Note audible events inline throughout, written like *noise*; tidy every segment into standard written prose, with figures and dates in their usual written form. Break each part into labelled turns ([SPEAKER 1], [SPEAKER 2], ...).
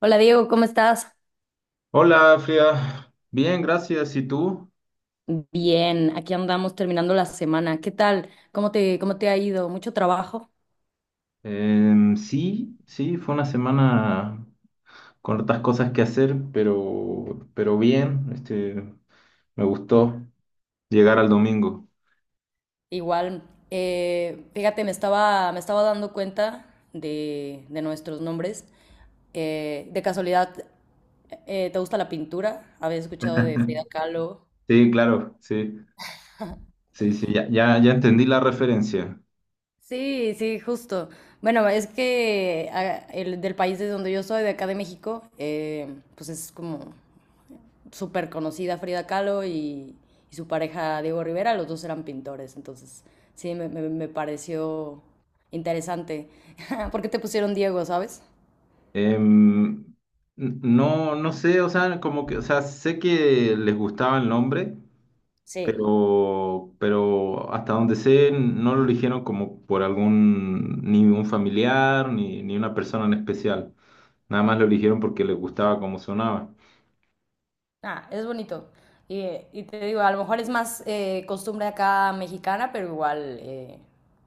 [SPEAKER 1] Hola Diego, ¿cómo estás?
[SPEAKER 2] Hola, Frida. Bien, gracias. ¿Y tú?
[SPEAKER 1] Bien, aquí andamos terminando la semana. ¿Qué tal? ¿Cómo te ha ido? ¿Mucho trabajo?
[SPEAKER 2] Sí, sí, fue una semana con otras cosas que hacer, pero bien. Me gustó llegar al domingo.
[SPEAKER 1] Igual, fíjate, me estaba dando cuenta de nuestros nombres. De casualidad, ¿te gusta la pintura? ¿Habías escuchado de Frida
[SPEAKER 2] *laughs*
[SPEAKER 1] Kahlo?
[SPEAKER 2] Sí, claro, sí, sí, sí, ya, ya, ya entendí la referencia.
[SPEAKER 1] Sí, sí, justo. Bueno, es que el del país de donde yo soy, de acá de México, pues es como súper conocida Frida Kahlo y su pareja Diego Rivera, los dos eran pintores, entonces sí, me pareció interesante. *laughs* ¿Por qué te pusieron Diego, sabes?
[SPEAKER 2] Em, no, no sé, o sea, o sea, sé que les gustaba el nombre,
[SPEAKER 1] Sí.
[SPEAKER 2] pero hasta donde sé, no lo eligieron como por algún, ni un familiar, ni una persona en especial. Nada más lo eligieron porque les gustaba cómo sonaba.
[SPEAKER 1] Ah, es bonito. Y te digo, a lo mejor es más costumbre acá mexicana, pero igual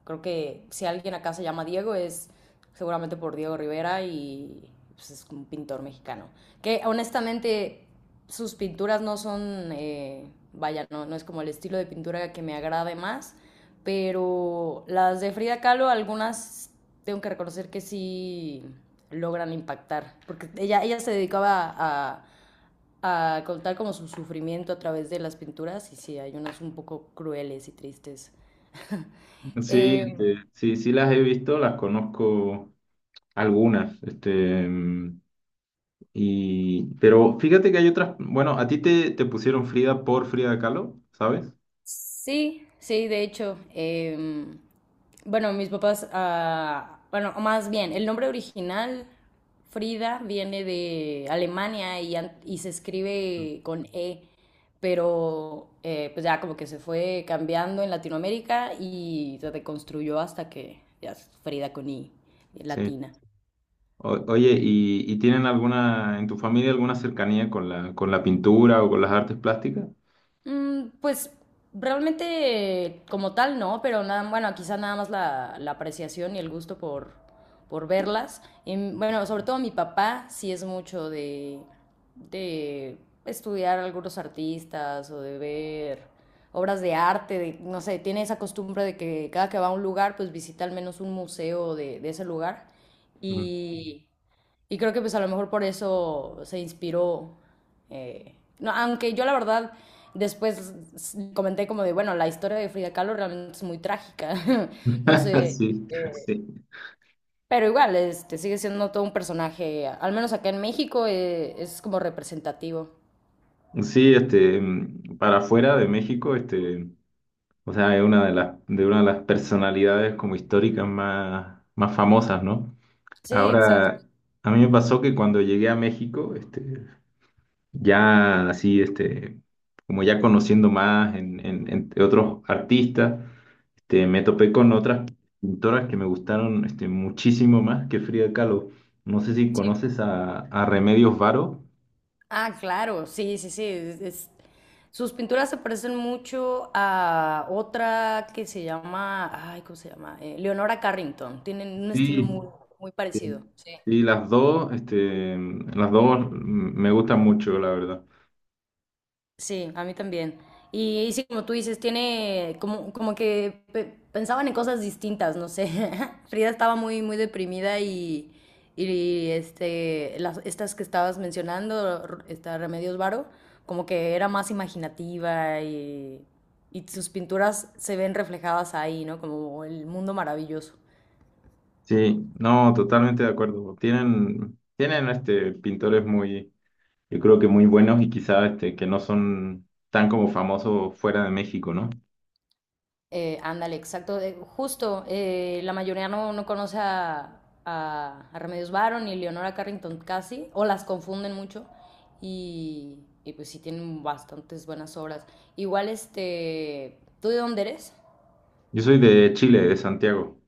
[SPEAKER 1] creo que si alguien acá se llama Diego es seguramente por Diego Rivera y pues, es un pintor mexicano. Que honestamente sus pinturas no son, no, no es como el estilo de pintura que me agrade más, pero las de Frida Kahlo, algunas tengo que reconocer que sí logran impactar, porque ella se dedicaba a contar como su sufrimiento a través de las pinturas y sí, hay unas un poco crueles y tristes.
[SPEAKER 2] Sí,
[SPEAKER 1] Eh,
[SPEAKER 2] sí, sí las he visto, las conozco algunas, pero fíjate que hay otras, bueno, a ti te pusieron Frida por Frida Kahlo, ¿sabes?
[SPEAKER 1] sí, sí, de hecho, bueno, mis papás, o más bien, el nombre original, Frida, viene de Alemania y, y se escribe con E, pero pues ya como que se fue cambiando en Latinoamérica y se reconstruyó hasta que ya es Frida con I,
[SPEAKER 2] Sí.
[SPEAKER 1] latina.
[SPEAKER 2] Oye, y tienen alguna, en tu familia alguna cercanía con la pintura o con las artes plásticas?
[SPEAKER 1] Mm, pues realmente como tal no, pero nada, bueno, quizá nada más la apreciación y el gusto por verlas. Y, bueno, sobre todo mi papá sí es mucho de estudiar algunos artistas o de ver obras de arte, no sé, tiene esa costumbre de que cada que va a un lugar, pues visita al menos un museo de ese lugar. Y, y creo que pues a lo mejor por eso se inspiró. No, aunque yo la verdad después comenté como de, bueno, la historia de Frida Kahlo realmente es muy trágica. *laughs* No
[SPEAKER 2] *laughs*
[SPEAKER 1] sé.
[SPEAKER 2] Sí, sí.
[SPEAKER 1] Pero igual, este, sigue siendo todo un personaje, al menos acá en México, es como representativo.
[SPEAKER 2] Sí, para afuera de México, o sea, es una de las, de una de las personalidades como históricas más, más famosas, ¿no?
[SPEAKER 1] Sí, exacto.
[SPEAKER 2] Ahora, a mí me pasó que cuando llegué a México, ya así, como ya conociendo más en, entre otros artistas, me topé con otras pintoras que me gustaron, muchísimo más que Frida Kahlo. No sé si
[SPEAKER 1] Sí.
[SPEAKER 2] conoces a Remedios Varo.
[SPEAKER 1] Ah, claro, sí, sí, sí. Sus pinturas se parecen mucho a otra que se llama, ay, ¿cómo se llama? Leonora Carrington. Tienen un estilo
[SPEAKER 2] Sí,
[SPEAKER 1] muy, muy
[SPEAKER 2] sí,
[SPEAKER 1] parecido. Sí.
[SPEAKER 2] sí, las dos, las dos me gustan mucho, la verdad.
[SPEAKER 1] Sí, a mí también. Y sí, como tú dices, tiene como, como que pensaban en cosas distintas, no sé. *laughs* Frida estaba muy, muy deprimida y las, estas que estabas mencionando, esta Remedios Varo, como que era más imaginativa y sus pinturas se ven reflejadas ahí, ¿no? Como el mundo maravilloso.
[SPEAKER 2] Sí, no, totalmente de acuerdo. Tienen este, pintores muy, yo creo que muy buenos y quizás este, que no son tan como famosos fuera de México, ¿no?
[SPEAKER 1] Ándale, exacto. Justo, la mayoría no, no conoce a Remedios Varo ni Leonora Carrington casi, o las confunden mucho, y pues sí tienen bastantes buenas obras. Igual, este, ¿tú de dónde eres?
[SPEAKER 2] Yo soy de Chile, de Santiago.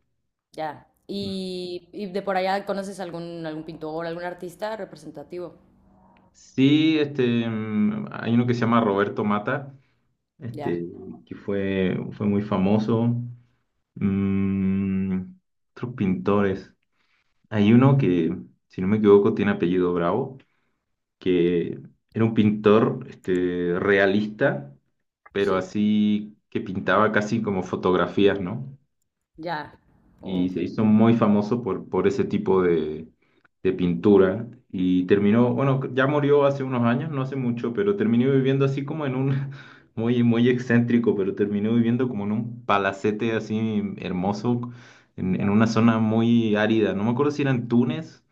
[SPEAKER 1] Ya. ¿ y de por allá conoces algún, algún pintor, algún artista representativo?
[SPEAKER 2] Sí, hay uno que se llama Roberto Mata,
[SPEAKER 1] Ya,
[SPEAKER 2] este, que fue muy famoso. Mm, otros pintores. Hay uno que, si no me equivoco, tiene apellido Bravo, que era un pintor este, realista, pero
[SPEAKER 1] sí,
[SPEAKER 2] así que pintaba casi como fotografías, ¿no?
[SPEAKER 1] ya. Oh,
[SPEAKER 2] Y se hizo muy famoso por ese tipo de pintura y terminó, bueno, ya murió hace unos años, no hace mucho, pero terminó viviendo así como en un, *laughs* muy excéntrico, pero terminó viviendo como en un palacete así hermoso, en
[SPEAKER 1] wow.
[SPEAKER 2] una zona muy árida, no me acuerdo si era en Túnez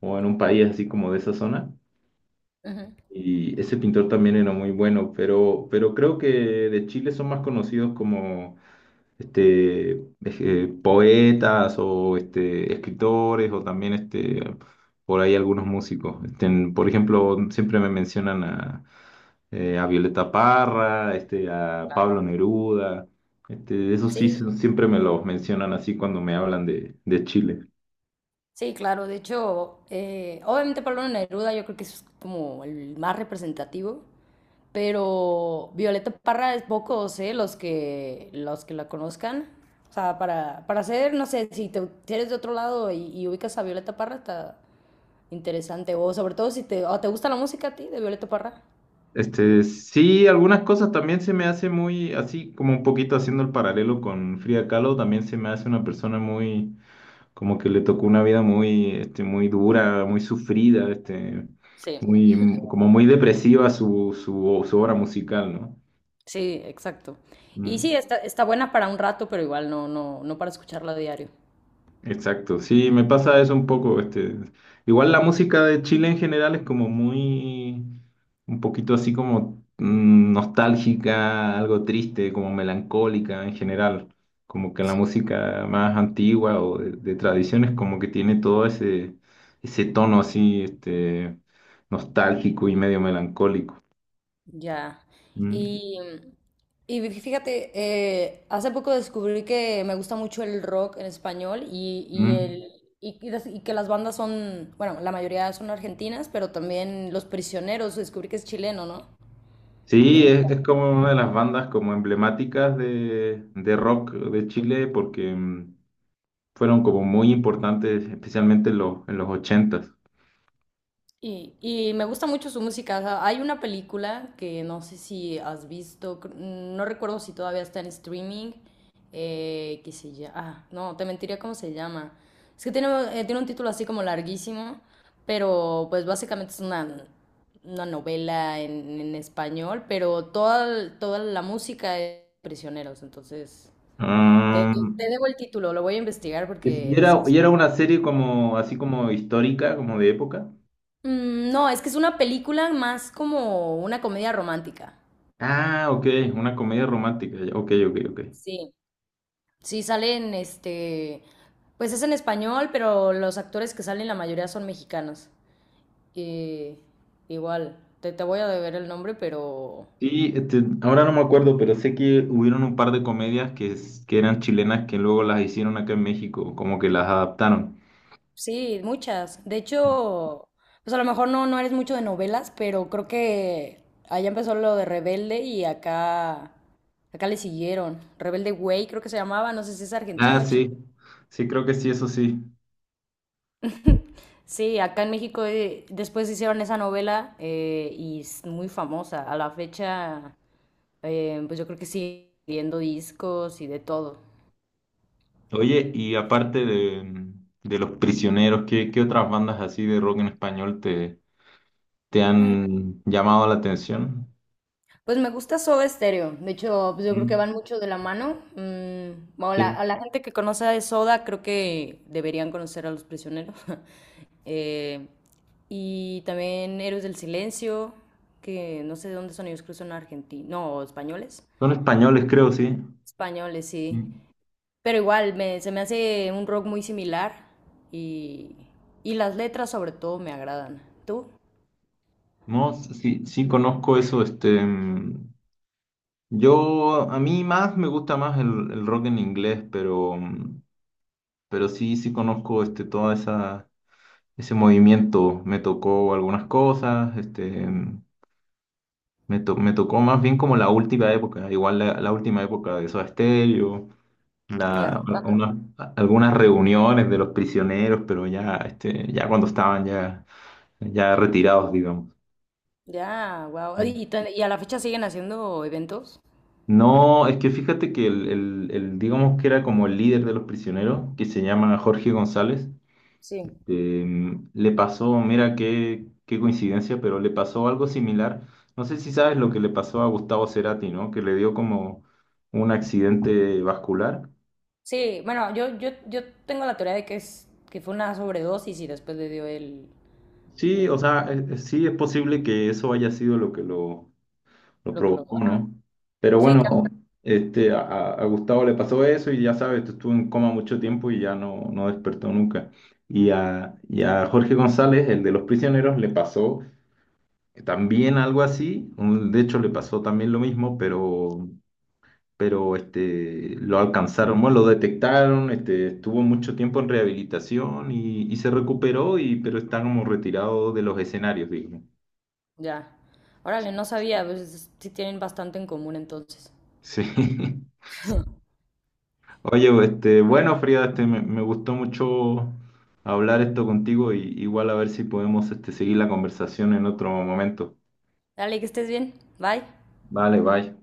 [SPEAKER 2] o en un país así como de esa zona.
[SPEAKER 1] Ujú.
[SPEAKER 2] Y ese pintor también era muy bueno, pero creo que de Chile son más conocidos como este, poetas o este, escritores o también este, por ahí algunos músicos. Este, por ejemplo, siempre me mencionan a Violeta Parra, este, a Pablo Neruda. Este, esos sí
[SPEAKER 1] Sí.
[SPEAKER 2] siempre me los mencionan así cuando me hablan de Chile.
[SPEAKER 1] Sí, claro, de hecho, obviamente Pablo Neruda yo creo que es como el más representativo, pero Violeta Parra es pocos, ¿eh? Los que la conozcan. O sea, para hacer, no sé, si eres de otro lado y ubicas a Violeta Parra, está interesante. O sobre todo si te, o te gusta la música a ti de Violeta Parra.
[SPEAKER 2] Este, sí, algunas cosas también se me hace muy, así como un poquito haciendo el paralelo con Frida Kahlo, también se me hace una persona muy como que le tocó una vida muy, este, muy dura, muy sufrida, este,
[SPEAKER 1] Sí,
[SPEAKER 2] muy, como muy depresiva su, su, su obra musical, ¿no?
[SPEAKER 1] sí, exacto. Y
[SPEAKER 2] Mm.
[SPEAKER 1] sí, está, está buena para un rato, pero igual no, no, no para escucharla a diario.
[SPEAKER 2] Exacto, sí, me pasa eso un poco, este, igual la música de Chile en general es como muy, un poquito así como nostálgica, algo triste, como melancólica en general, como que la música más antigua o de tradiciones como que tiene todo ese, ese tono así, este, nostálgico y medio melancólico.
[SPEAKER 1] Ya.
[SPEAKER 2] Mm,
[SPEAKER 1] Y, y fíjate, hace poco descubrí que me gusta mucho el rock en español y, y
[SPEAKER 2] mm.
[SPEAKER 1] el, y, y que las bandas son, bueno, la mayoría son argentinas, pero también Los Prisioneros, descubrí que es chileno, ¿no? ¿Te
[SPEAKER 2] Sí,
[SPEAKER 1] gusta?
[SPEAKER 2] es como una de las bandas como emblemáticas de rock de Chile porque... mm, fueron como muy importantes, especialmente en los ochentas s
[SPEAKER 1] Y me gusta mucho su música. O sea, hay una película que no sé si has visto, no recuerdo si todavía está en streaming, que se llama... Ah, no, te mentiría cómo se llama. Es que tiene, tiene un título así como larguísimo, pero pues básicamente es una novela en español, pero toda, toda la música es de prisioneros. Entonces, te debo el título, lo voy a investigar porque... sí.
[SPEAKER 2] y era una serie como, así como histórica, como de época.
[SPEAKER 1] Mm, no, es que es una película más como una comedia romántica.
[SPEAKER 2] Ah, ok, una comedia romántica. Ya, ok, ok, ok.
[SPEAKER 1] Sí. Sí, salen, este, pues es en español, pero los actores que salen la mayoría son mexicanos. Eh, igual, te voy a deber el nombre, pero
[SPEAKER 2] Sí, este, ahora no me acuerdo, pero sé que hubieron un par de comedias que, que eran chilenas que luego las hicieron acá en México, como que las adaptaron.
[SPEAKER 1] sí, muchas. De hecho, pues a lo mejor no, no eres mucho de novelas, pero creo que allá empezó lo de Rebelde acá le siguieron. Rebelde Way creo que se llamaba, no sé si es
[SPEAKER 2] Ah,
[SPEAKER 1] argentino o
[SPEAKER 2] sí,
[SPEAKER 1] chileno.
[SPEAKER 2] sí, creo que sí, eso sí.
[SPEAKER 1] Sí, acá en México después hicieron esa novela y es muy famosa. A la fecha, pues yo creo que sigue viendo discos y de todo.
[SPEAKER 2] Oye, y aparte de Los Prisioneros, ¿qué, qué otras bandas así de rock en español te ¿te
[SPEAKER 1] Mm,
[SPEAKER 2] han llamado la atención?
[SPEAKER 1] pues me gusta Soda Stereo. De hecho, pues yo creo que
[SPEAKER 2] Mm,
[SPEAKER 1] van mucho de la mano. Mm, bueno,
[SPEAKER 2] sí.
[SPEAKER 1] a la gente que conoce de Soda, creo que deberían conocer a Los Prisioneros. *laughs* Eh, y también Héroes del Silencio, que no sé de dónde son ellos, creo que son argentinos, no, españoles.
[SPEAKER 2] Son españoles, creo, sí.
[SPEAKER 1] Españoles, sí.
[SPEAKER 2] Mm.
[SPEAKER 1] Pero igual, me, se me hace un rock muy similar y, y las letras sobre todo me agradan. ¿Tú?
[SPEAKER 2] No, sí, sí conozco eso. Yo, a mí más me gusta más el rock en inglés, pero, mm, pero sí, sí conozco este, toda esa, ese movimiento. Me tocó algunas cosas, este, mm, me, me tocó más bien como la última época, igual la, la última época de Soda Stereo.
[SPEAKER 1] Ya,
[SPEAKER 2] la-
[SPEAKER 1] ¿cuánto?
[SPEAKER 2] una- algunas reuniones de los prisioneros, pero ya, este, ya cuando estaban ya, ya retirados, digamos.
[SPEAKER 1] Ya, wow. ¿Y, y a la fecha siguen haciendo eventos?
[SPEAKER 2] No, es que fíjate que el, el, digamos que era como el líder de los prisioneros, que se llama Jorge González,
[SPEAKER 1] Sí.
[SPEAKER 2] le pasó, mira qué, qué coincidencia, pero le pasó algo similar. No sé si sabes lo que le pasó a Gustavo Cerati, ¿no? Que le dio como un accidente vascular.
[SPEAKER 1] Sí, bueno, yo tengo la teoría de que es que fue una sobredosis y después le dio el
[SPEAKER 2] Sí, o
[SPEAKER 1] eh,
[SPEAKER 2] sea, sí es posible que eso haya sido lo que lo
[SPEAKER 1] lo que lo.
[SPEAKER 2] provocó,
[SPEAKER 1] Ajá.
[SPEAKER 2] ¿no? Pero
[SPEAKER 1] Sí, ca-
[SPEAKER 2] bueno, este, a Gustavo le pasó eso y ya sabes, estuvo en coma mucho tiempo y ya no, no despertó nunca. Y a Jorge González, el de Los Prisioneros, le pasó también algo así, de hecho le pasó también lo mismo, pero este, lo alcanzaron, bueno, lo detectaron, este, estuvo mucho tiempo en rehabilitación y se recuperó, y, pero está como retirado de los escenarios, digo.
[SPEAKER 1] ya. Órale, no sabía, pues sí tienen bastante en común entonces.
[SPEAKER 2] Sí, *laughs* oye, pues, este, bueno, Frida, este, me gustó mucho hablar esto contigo y igual a ver si podemos este, seguir la conversación en otro momento.
[SPEAKER 1] Dale, que estés bien. Bye.
[SPEAKER 2] Vale, bye.